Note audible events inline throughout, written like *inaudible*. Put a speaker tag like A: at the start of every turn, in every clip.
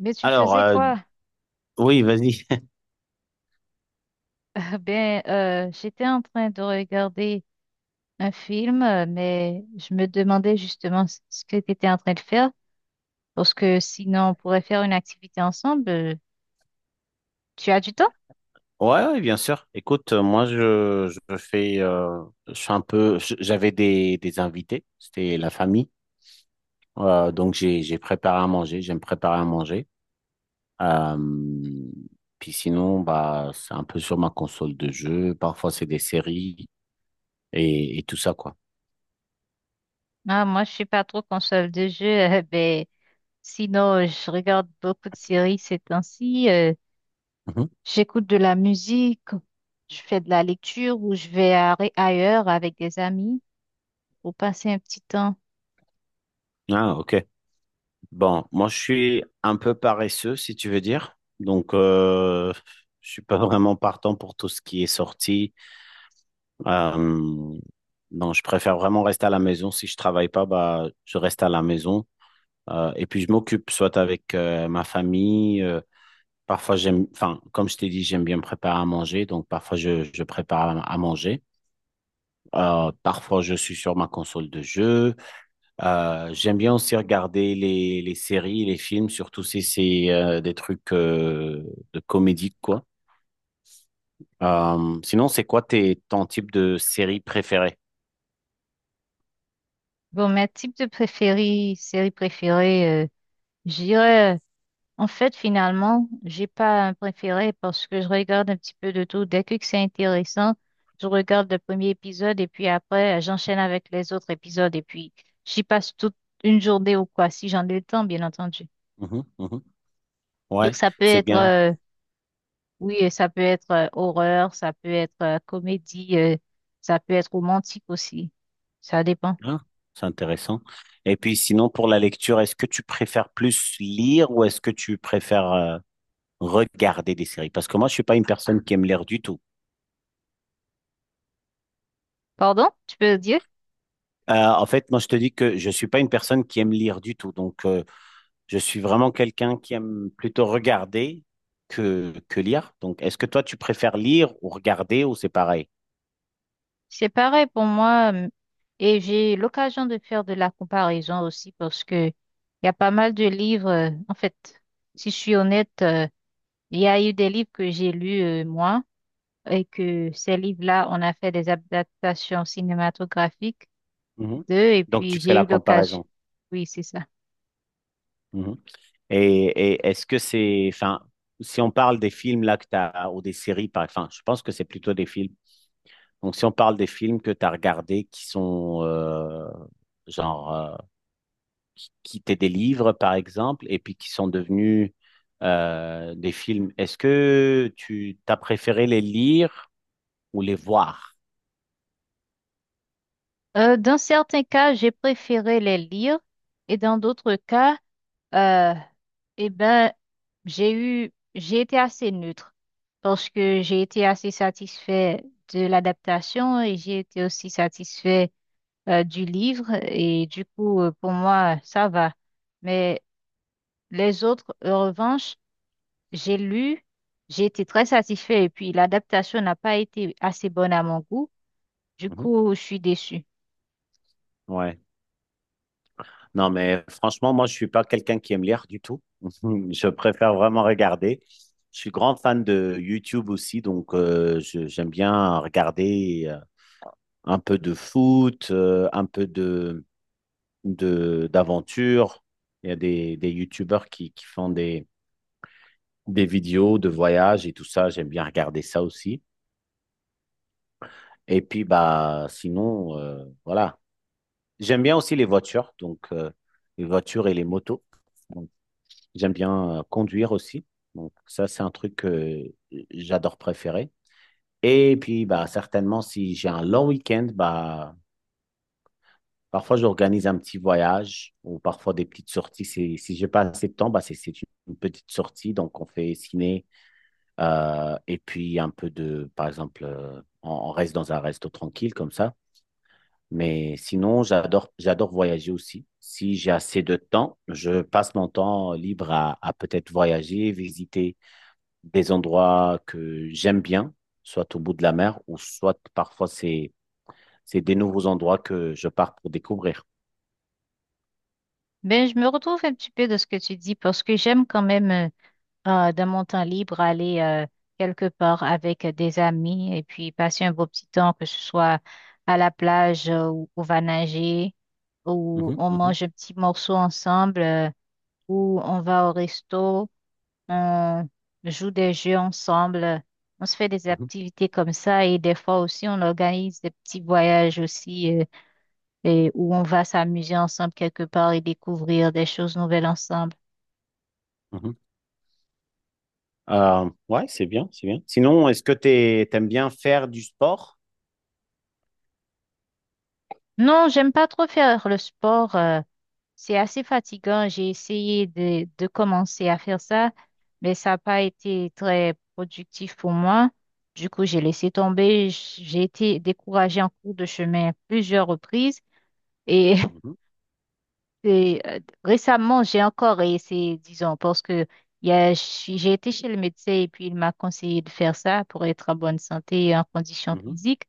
A: Mais tu
B: Alors,
A: faisais quoi?
B: oui, vas-y. *laughs*
A: *laughs* J'étais en train de regarder un film, mais je me demandais justement ce que tu étais en train de faire, parce que sinon on pourrait faire une activité ensemble. Tu as du temps?
B: Ouais, ouais, bien sûr. Écoute, moi, je fais, je suis un peu, j'avais des invités, c'était la famille. Donc, j'ai préparé à manger, j'aime préparer à manger. Euh, Puis sinon, bah, c'est un peu sur ma console de jeu. Parfois, c'est des séries et tout ça, quoi.
A: Ah, moi, je suis pas trop console de jeu. *laughs* Sinon, je regarde beaucoup de séries ces temps-ci.
B: Mhm.
A: J'écoute de la musique, je fais de la lecture ou je vais ailleurs avec des amis pour passer un petit temps.
B: Ah, ok. Bon, moi, je suis un peu paresseux, si tu veux dire. Donc, je suis pas *laughs* vraiment partant pour tout ce qui est sorti. Euh, non, je préfère vraiment rester à la maison. Si je travaille pas, bah, je reste à la maison. Et puis je m'occupe soit avec ma famille. Parfois j'aime, enfin, comme je t'ai dit, j'aime bien me préparer à manger. Donc parfois je prépare à manger. Parfois je suis sur ma console de jeu. J'aime bien aussi regarder les séries, les films, surtout si c'est des trucs de comédie, quoi. Sinon, c'est quoi ton type de série préférée?
A: Bon, mes types de préférés, séries préférées. J'irais, en fait, finalement, j'ai pas un préféré parce que je regarde un petit peu de tout. Dès que c'est intéressant, je regarde le premier épisode et puis après, j'enchaîne avec les autres épisodes et puis j'y passe toute une journée ou quoi, si j'en ai le temps, bien entendu.
B: Mhm, mhm.
A: Donc,
B: Ouais,
A: ça peut
B: c'est
A: être,
B: bien.
A: oui, ça peut être horreur, ça peut être comédie, ça peut être romantique aussi. Ça dépend.
B: Ah, c'est intéressant. Et puis sinon, pour la lecture, est-ce que tu préfères plus lire ou est-ce que tu préfères regarder des séries? Parce que moi, je suis pas une personne qui aime lire du tout.
A: Pardon, tu peux dire?
B: En fait, moi, je te dis que je suis pas une personne qui aime lire du tout. Donc, je suis vraiment quelqu'un qui aime plutôt regarder que lire. Donc, est-ce que toi, tu préfères lire ou regarder ou c'est pareil?
A: C'est pareil pour moi, et j'ai eu l'occasion de faire de la comparaison aussi parce que il y a pas mal de livres. En fait, si je suis honnête, il y a eu des livres que j'ai lus moi et que ces livres-là, on a fait des adaptations cinématographiques
B: Mhm.
A: d'eux et
B: Donc, tu
A: puis
B: fais
A: j'ai
B: la
A: eu l'occasion.
B: comparaison.
A: Oui, c'est ça.
B: Et est-ce que c'est, enfin, si on parle des films là que t'as, ou des séries, enfin, je pense que c'est plutôt des films. Donc, si on parle des films que tu as regardés qui sont, genre, qui étaient des livres, par exemple, et puis qui sont devenus des films, est-ce que tu t'as préféré les lire ou les voir?
A: Dans certains cas, j'ai préféré les lire et dans d'autres cas, Euh, eh ben, j'ai été assez neutre parce que j'ai été assez satisfait de l'adaptation et j'ai été aussi satisfait du livre et du coup, pour moi, ça va. Mais les autres, en revanche, j'ai lu, j'ai été très satisfait et puis l'adaptation n'a pas été assez bonne à mon goût. Du
B: Mhm.
A: coup, je suis déçue.
B: Ouais. Non, mais franchement, moi, je suis pas quelqu'un qui aime lire du tout. *laughs* Je préfère vraiment regarder. Je suis grand fan de YouTube aussi, donc j'aime bien regarder un peu de foot, un peu d'aventure. Il y a des YouTubeurs qui font des vidéos de voyage et tout ça. J'aime bien regarder ça aussi. Et puis, bah, sinon, voilà. J'aime bien aussi les voitures, donc les voitures et les motos. J'aime bien conduire aussi. Donc ça, c'est un truc que j'adore préférer. Et puis, bah, certainement, si j'ai un long week-end, bah, parfois j'organise un petit voyage ou parfois des petites sorties. Si j'ai pas assez de temps, bah, c'est une petite sortie. Donc, on fait ciné et puis un peu de, par exemple, on reste dans un resto tranquille comme ça. Mais sinon, j'adore voyager aussi. Si j'ai assez de temps, je passe mon temps libre à peut-être voyager, visiter des endroits que j'aime bien, soit au bout de la mer ou soit parfois c'est des nouveaux endroits que je pars pour découvrir.
A: Mais je me retrouve un petit peu de ce que tu dis parce que j'aime quand même. De mon temps libre, aller quelque part avec des amis et puis passer un beau petit temps, que ce soit à la plage où on va nager, où
B: Mhm,
A: on
B: mhm,
A: mange un petit morceau ensemble, où on va au resto, on joue des jeux ensemble, on se fait des
B: mhm,
A: activités comme ça et des fois aussi on organise des petits voyages aussi, et où on va s'amuser ensemble quelque part et découvrir des choses nouvelles ensemble.
B: mhm. Ouais, c'est bien, c'est bien. Sinon, est-ce que tu aimes bien faire du sport?
A: Non, j'aime pas trop faire le sport. C'est assez fatigant. J'ai essayé de commencer à faire ça, mais ça n'a pas été très productif pour moi. Du coup, j'ai laissé tomber. J'ai été découragée en cours de chemin à plusieurs reprises. Et,
B: Mhm,
A: *laughs* et, récemment, j'ai encore essayé, disons, parce que j'ai été chez le médecin et puis il m'a conseillé de faire ça pour être en bonne santé et en condition
B: mhm.
A: physique.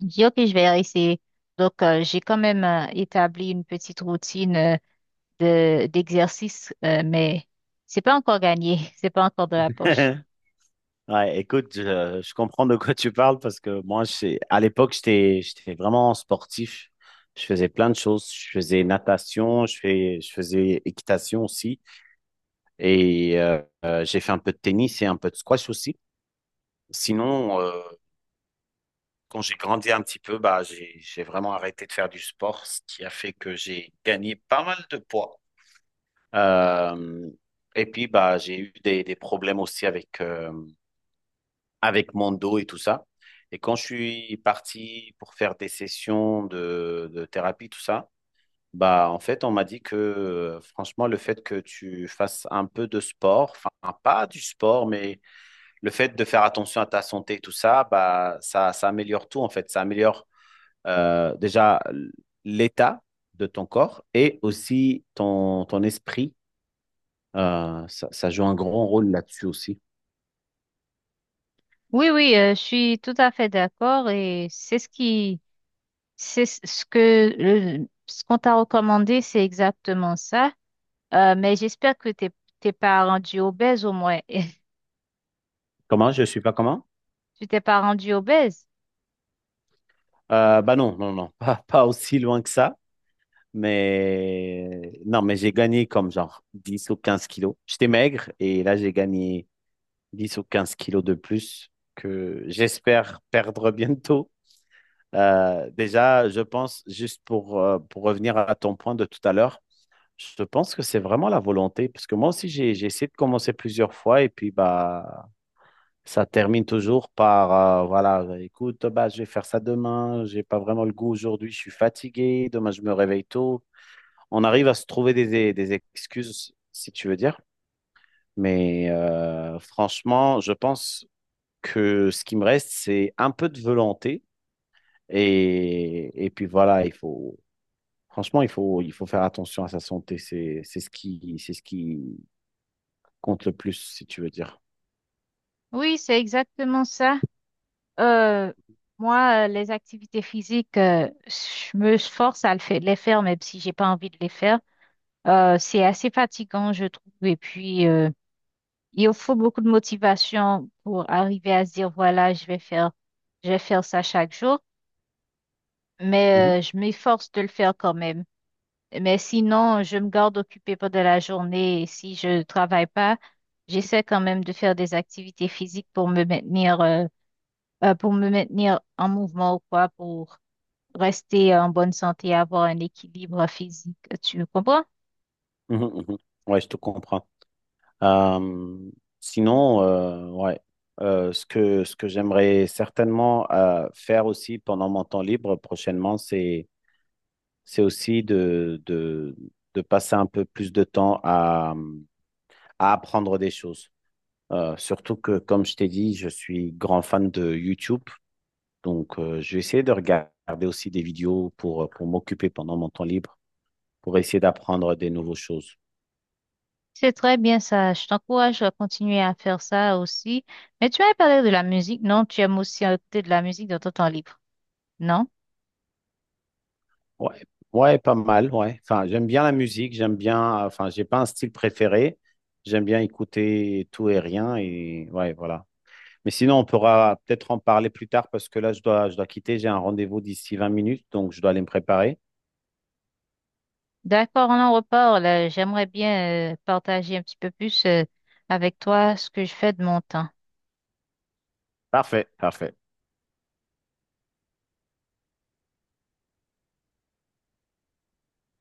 A: J'ai dit, OK, je vais essayer. Donc, j'ai quand même établi une petite routine. D'exercice, mais c'est pas encore gagné, *laughs* c'est pas encore de la poche.
B: *laughs* Ouais, écoute, je comprends de quoi tu parles parce que moi, à l'époque, j'étais vraiment sportif. Je faisais plein de choses. Je faisais natation, je faisais équitation aussi. Et j'ai fait un peu de tennis et un peu de squash aussi. Sinon, quand j'ai grandi un petit peu, bah, j'ai vraiment arrêté de faire du sport, ce qui a fait que j'ai gagné pas mal de poids. Euh, et puis, bah, j'ai eu des problèmes aussi avec mon dos et tout ça. Et quand je suis parti pour faire des sessions de thérapie, tout ça, bah, en fait, on m'a dit que, franchement, le fait que tu fasses un peu de sport, enfin, pas du sport, mais le fait de faire attention à ta santé, tout ça, bah, ça améliore tout en fait. Ça améliore déjà l'état de ton corps et aussi ton esprit. Ça joue un grand rôle là-dessus aussi.
A: Oui, oui, je suis tout à fait d'accord et c'est ce que, ce qu'on t'a recommandé, c'est exactement ça. Mais j'espère que t'es pas rendu obèse au moins. *laughs*
B: Comment? Je suis pas comment?
A: Tu t'es pas rendu obèse.
B: Bah non, non, non, *laughs* pas aussi loin que ça. Mais non, mais j'ai gagné comme genre 10 ou 15 kilos. J'étais maigre et là j'ai gagné 10 ou 15 kilos de plus que j'espère perdre bientôt. Déjà, je pense, juste pour revenir à ton point de tout à l'heure, je pense que c'est vraiment la volonté, parce que moi aussi, j'ai essayé de commencer plusieurs fois et puis bah, ça termine toujours par, voilà, écoute, bah, je vais faire ça demain, j'ai pas vraiment le goût aujourd'hui, je suis fatigué, demain je me réveille tôt. On arrive à se trouver des excuses, si tu veux dire. Mais franchement, je pense que ce qui me reste, c'est un peu de volonté. Et puis voilà, il faut, franchement, il faut faire attention à sa santé. C'est c'est ce qui compte le plus, si tu veux dire.
A: Oui, c'est exactement ça. Euh, Moi, les activités physiques, je me force à le les faire, même si j'ai pas envie de les faire. C'est assez fatigant, je trouve. Et puis, il faut beaucoup de motivation pour arriver à se dire, voilà, je vais faire ça chaque jour.
B: Mhm,
A: Mais je m'efforce de le faire quand même. Mais sinon, je me garde occupée pendant la journée. Et si je travaille pas, j'essaie quand même de faire des activités physiques pour me maintenir en mouvement ou quoi, pour rester en bonne santé, avoir un équilibre physique. Tu comprends?
B: mhm, mhm. Ouais, je te comprends. Euh, sinon, ouais, ce que j'aimerais certainement faire aussi pendant mon temps libre prochainement, c'est aussi de passer un peu plus de temps à apprendre des choses. Surtout que, comme je t'ai dit, je suis grand fan de YouTube. Donc, je vais essayer de regarder aussi des vidéos pour m'occuper pendant mon temps libre, pour essayer d'apprendre des nouvelles choses.
A: C'est très bien ça. Je t'encourage à continuer à faire ça aussi. Mais tu as parlé de la musique, non? Tu aimes aussi écouter de la musique dans ton temps libre, non?
B: Ouais, ouais, pas mal, ouais. Enfin, j'aime bien la musique, j'aime bien, enfin, j'ai pas un style préféré. J'aime bien écouter tout et rien et ouais, voilà. Mais sinon, on pourra peut-être en parler plus tard parce que là, je dois quitter. J'ai un rendez-vous d'ici 20 minutes, donc je dois aller me préparer.
A: D'accord, on en reparle. J'aimerais bien partager un petit peu plus avec toi ce que je fais de mon temps.
B: Parfait, parfait.